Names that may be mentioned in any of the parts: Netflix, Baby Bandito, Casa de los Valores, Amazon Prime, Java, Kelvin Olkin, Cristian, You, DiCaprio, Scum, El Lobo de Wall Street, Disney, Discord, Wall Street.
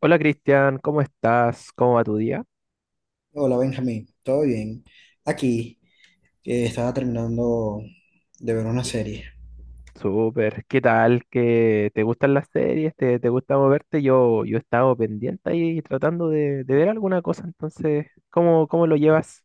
Hola Cristian, ¿cómo estás? ¿Cómo va tu día? Hola Benjamín, ¿todo bien? Aquí estaba terminando de ver una serie. Súper, ¿qué tal? ¿Qué te gustan las series? ¿Te gusta moverte? Yo he estado pendiente ahí tratando de ver alguna cosa, entonces, ¿cómo lo llevas?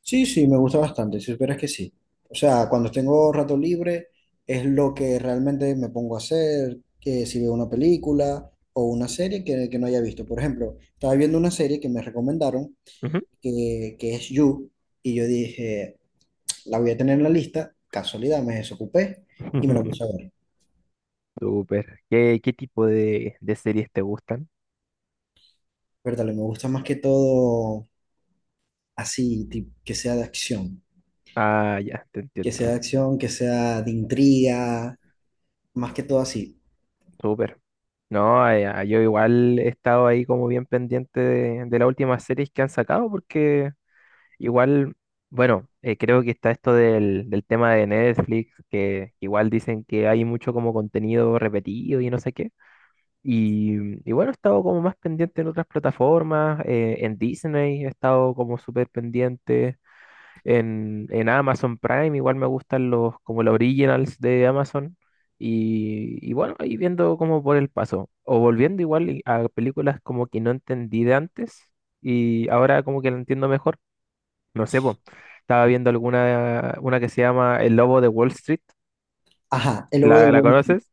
Sí, sí, me gusta bastante, si supieras que sí. O sea, cuando tengo rato libre es lo que realmente me pongo a hacer, que si veo una película o una serie que no haya visto. Por ejemplo, estaba viendo una serie que me recomendaron, Ujú. que es You, y yo dije, la voy a tener en la lista, casualidad, me desocupé y me la puse a ver. Súper, ¿qué tipo de series te gustan? Pero me gusta más que todo así, que sea de acción. Ah, ya, te Que sea entiendo. de acción, que sea de intriga, más que todo así. Súper. No, ah, yo igual he estado ahí como bien pendiente de las últimas series que han sacado porque... Igual, bueno, creo que está esto del tema de Netflix, que igual dicen que hay mucho como contenido repetido y no sé qué. Y bueno, he estado como más pendiente en otras plataformas, en Disney he estado como súper pendiente, en Amazon Prime igual me gustan los como los originals de Amazon. Y bueno, ahí viendo como por el paso, o volviendo igual a películas como que no entendí de antes y ahora como que la entiendo mejor. No sé, po. Estaba viendo una que se llama El Lobo de Wall Street. Ajá, el lobo ¿La, del la Wall Street. conoces?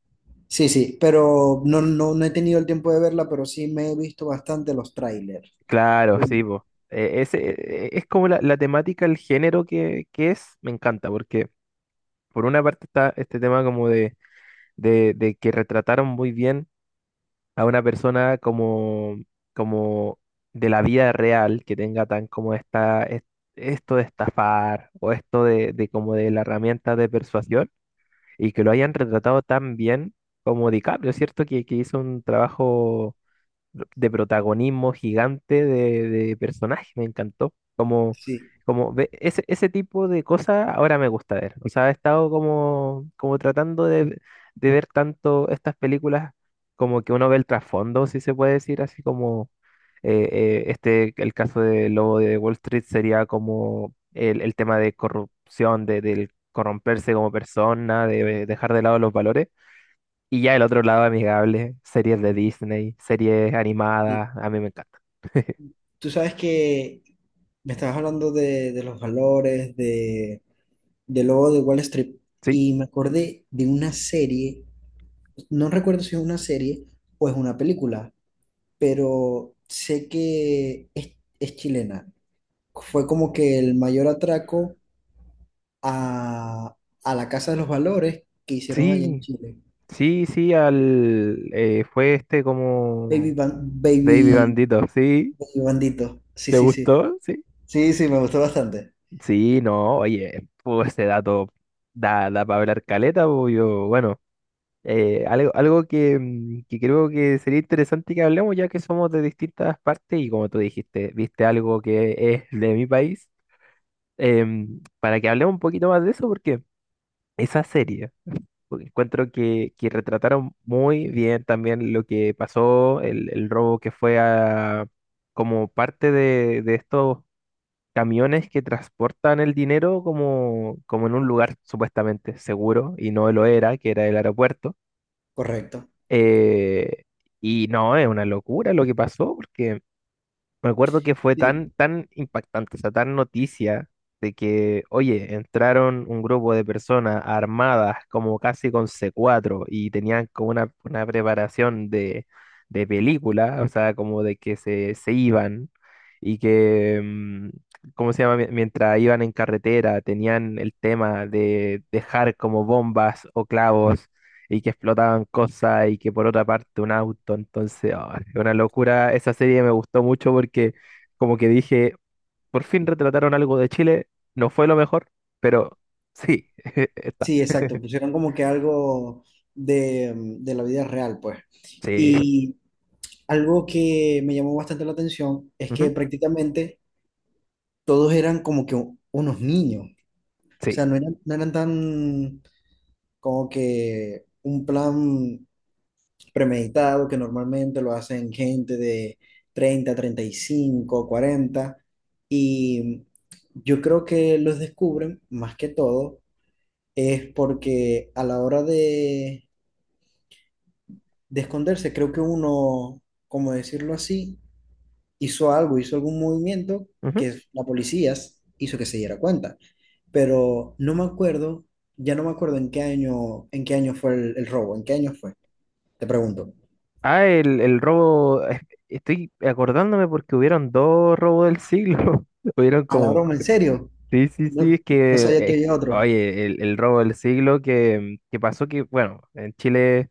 Sí, sí, pero no, no, no he tenido el tiempo de verla, pero sí me he visto bastante los trailers. Claro, Mm. sí, po. Es como la temática, el género que es, me encanta, porque por una parte está este tema como de que retrataron muy bien a una persona como de la vida real, que tenga tan como esto de estafar o esto de como de la herramienta de persuasión, y que lo hayan retratado tan bien como DiCaprio, ¿cierto? Que hizo un trabajo de protagonismo gigante de personaje, me encantó. Como, Sí, como ve- ese, ese tipo de cosas ahora me gusta ver. O sea, he estado como tratando de ver tanto estas películas como que uno ve el trasfondo, si se puede decir, así como el caso de Lobo de Wall Street sería como el tema de corrupción, del corromperse como persona, de dejar de lado los valores. Y ya el otro lado amigable, series de Disney, series sí. animadas, a mí me encanta. Tú sabes que me estabas hablando de los valores, de, del lobo de Wall Street, Sí, y me acordé de una serie, no recuerdo si es una serie o es una película, pero sé que es chilena. Fue como que el mayor atraco a, a la Casa de los Valores que hicieron allá en sí, Chile. sí, sí, fue este como Baby, Ban- Baby Baby, Bandito, ¿sí? Baby Bandito. Sí, ¿Te sí, sí. gustó? Sí. Sí, sí, me gustó bastante. Sí, no, oye, pues ese dato da para hablar caleta, pues yo, bueno. Algo que, que creo que sería interesante que hablemos, ya que somos de distintas partes y como tú dijiste, viste algo que es de mi país, para que hablemos un poquito más de eso, porque esa serie, porque encuentro que retrataron muy bien también lo que pasó, el robo que fue como parte de estos camiones que transportan el dinero como en un lugar supuestamente seguro, y no lo era, que era el aeropuerto. Correcto. Eh, y no, es una locura lo que pasó, porque me acuerdo que fue Sí, tan, tan impactante, o sea, tan noticia de que, oye, entraron un grupo de personas armadas como casi con C4 y tenían como una preparación de película, o sea, como de que se iban y que, ¿cómo se llama? Mientras iban en carretera, tenían el tema de dejar como bombas o clavos y que explotaban cosas y que por otra parte un auto, entonces, es una locura. Esa serie me gustó mucho porque como que dije, por fin retrataron algo de Chile, no fue lo mejor, pero sí, está, sí, exacto. Pusieron como que algo de, mm, de la vida real, pues. sí, Y algo que me llamó bastante la atención es que ujú, prácticamente todos eran como que unos niños. O sí. sea, no eran tan como que un plan premeditado, que normalmente lo hacen gente de 30, 35, 40, y yo creo que los descubren más que todo es porque a la hora de esconderse, creo que uno, como decirlo así, hizo algún movimiento Ujú. que la policía hizo que se diera cuenta. Pero no me acuerdo, ya no me acuerdo en qué año fue el robo, en qué año fue, te pregunto. Ah, el robo, estoy acordándome porque hubieron dos robos del siglo, hubieron A la como... broma, ¿en serio? Sí, sí, sí, No, no sabía que había otro. oye, el robo del siglo que pasó que, bueno, en Chile.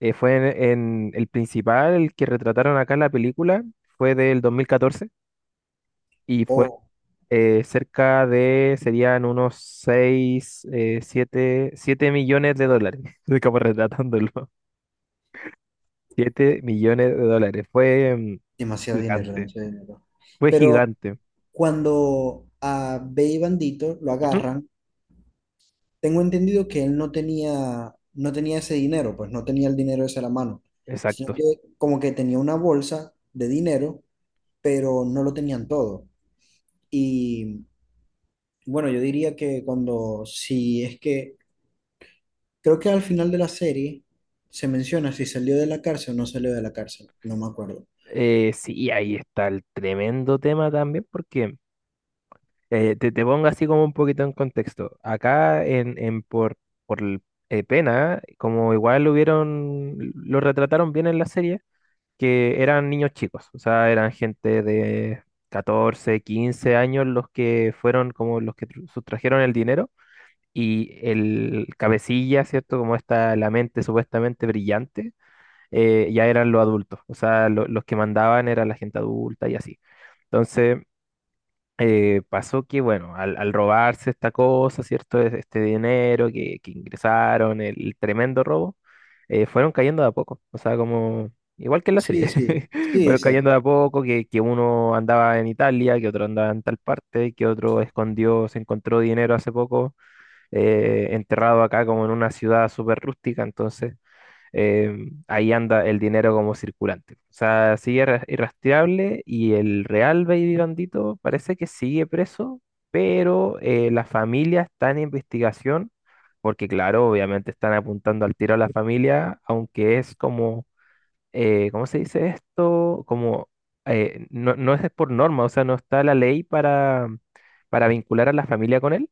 Fue el principal, el que retrataron acá en la película, fue del 2014 y fue Oh, serían unos 6, siete millones de dólares, estoy como retratándolo. 7 millones de dólares, fue demasiado dinero, gigante, demasiado dinero. fue Pero gigante. cuando a Bey Bandito lo Ujú. agarran, tengo entendido que él no tenía ese dinero, pues no tenía el dinero ese a la mano, sino Exacto. que como que tenía una bolsa de dinero, pero no lo tenían todo. Y bueno, yo diría que cuando, si es que, creo que al final de la serie se menciona si salió de la cárcel o no salió de la cárcel, no me acuerdo. Sí, ahí está el tremendo tema también, porque te pongo así como un poquito en contexto. Acá en por el- pena, como igual lo hubieron, lo retrataron bien en la serie, que eran niños chicos, o sea, eran gente de 14 15 años los que fueron como los que sustrajeron el dinero y el cabecilla, ¿cierto? Como la mente supuestamente brillante, ya eran los adultos, o sea, los que mandaban era la gente adulta y así. Entonces pasó que, bueno, al robarse esta cosa, ¿cierto? Este dinero que ingresaron, el tremendo robo, fueron cayendo de a poco. O sea, como, igual que en la Sí, serie, sí, sí, fueron exacto. cayendo de a poco, que uno andaba en Italia, que otro andaba en tal parte, que otro escondió, se encontró dinero hace poco, enterrado acá como en una ciudad súper rústica. Entonces, eh, ahí anda el dinero como circulante. O sea, sigue irrastreable y el real Baby Bandito parece que sigue preso, pero la familia está en investigación, porque claro, obviamente están apuntando al tiro a la familia, aunque es como, ¿cómo se dice esto? Como, no, no es por norma, o sea, no está la ley para, vincular a la familia con él.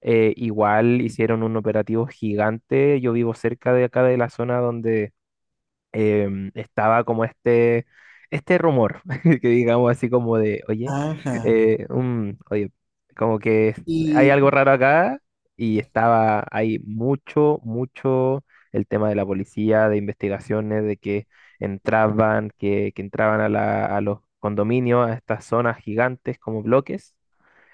Igual hicieron un operativo gigante. Yo vivo cerca de acá de la zona donde estaba como este rumor, que digamos así como de, oye, Ajá. Oye, como que hay Y algo raro acá y estaba ahí mucho, mucho el tema de la policía, de investigaciones, de que entraban, que entraban a los condominios, a estas zonas gigantes como bloques,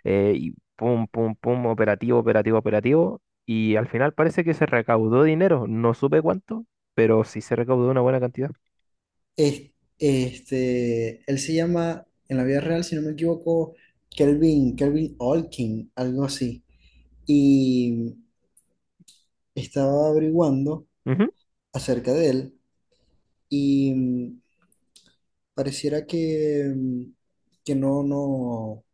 y pum, pum, pum, operativo, operativo, operativo. Y al final parece que se recaudó dinero, no supe cuánto, pero sí se recaudó una buena cantidad. es- este, él se llama, en la vida real, si no me equivoco, Kelvin, Kelvin Olkin, algo así. Y estaba averiguando Ujú. acerca de él y mm, pareciera que, mm, que no, no,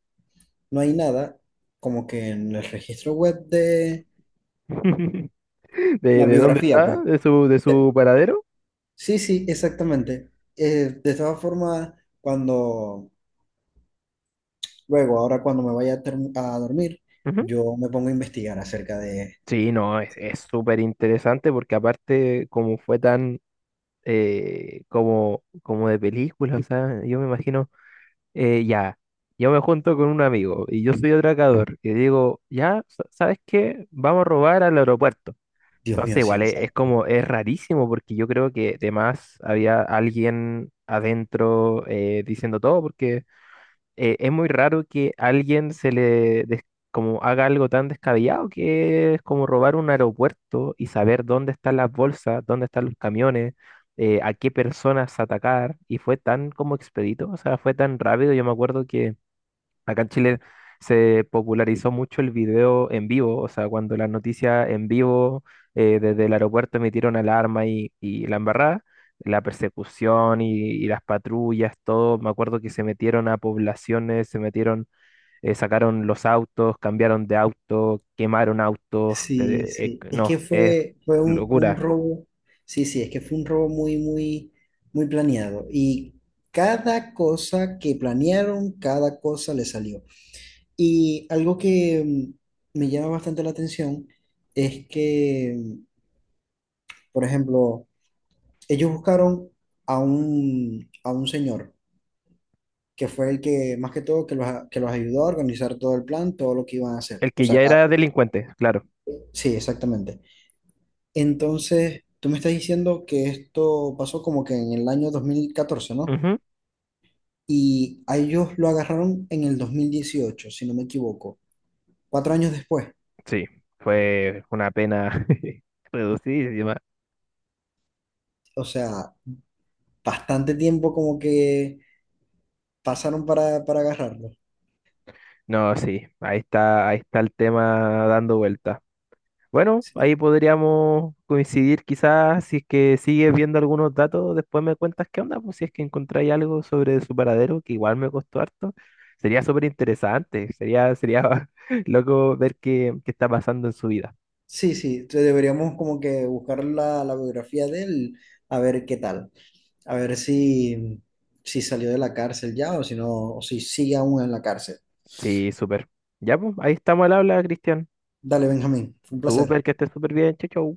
no hay nada como que en el registro web de ¿De, la de dónde biografía, está? pues. ¿De su paradero? Sí, sí, exactamente. De todas formas, cuando Luego, ahora cuando me vaya a, term- a dormir, Ujú. yo me pongo a investigar acerca de. Sí, no, es súper interesante porque aparte como fue tan como de película, o sea, yo me imagino, ya, yo me junto con un amigo y yo soy atracador y digo, ya, ¿sabes qué? Vamos a robar al aeropuerto. Dios Entonces, mío, sí, igual es, exacto. como, es rarísimo porque yo creo que además había alguien adentro, diciendo todo, porque es muy raro que alguien como haga algo tan descabellado, que es como robar un aeropuerto y saber dónde están las bolsas, dónde están los camiones, a qué personas atacar, y fue tan como expedito, o sea, fue tan rápido, yo me acuerdo que acá en Chile se popularizó mucho el video en vivo, o sea, cuando las noticias en vivo, desde el aeropuerto emitieron alarma, y la embarrada, la persecución, y las patrullas, todo, me acuerdo que se metieron a poblaciones, se metieron, sacaron los autos, cambiaron de auto, quemaron autos, Sí, sí, es no, que es fue, fue un locura. robo, sí, sí, es que fue un robo muy, muy, muy planeado. Y cada cosa que planearon, cada cosa le salió. Y algo que mm, me llama bastante la atención es que, mm, por ejemplo, ellos buscaron a un señor que fue el que, más que todo, que los ayudó a organizar todo el plan, todo lo que iban a hacer. El O que sea, ya era delincuente, claro. sí, exactamente. Entonces, tú me estás diciendo que esto pasó como que en el año 2014, ¿no? Ujú, Y a ellos lo agarraron en el 2018, si no me equivoco, 4 años después. sí, fue una pena reducidísima. O sea, bastante tiempo como que pasaron para agarrarlo. No, sí, ahí está el tema dando vuelta. Bueno, Sí, ahí podríamos coincidir quizás si es que sigues viendo algunos datos, después me cuentas qué onda, pues si es que encontráis algo sobre su paradero, que igual me costó harto, sería súper interesante, sería, loco ver qué está pasando en su vida. sí, sí, entonces deberíamos como que buscar la biografía de él a ver qué tal. A ver si, si salió de la cárcel ya o si no, o si sigue aún en la cárcel. Sí, súper. Ya, pues, ahí estamos al habla, Cristian. Dale, Benjamín, fue un placer. Súper, que estés súper bien, chau, chau.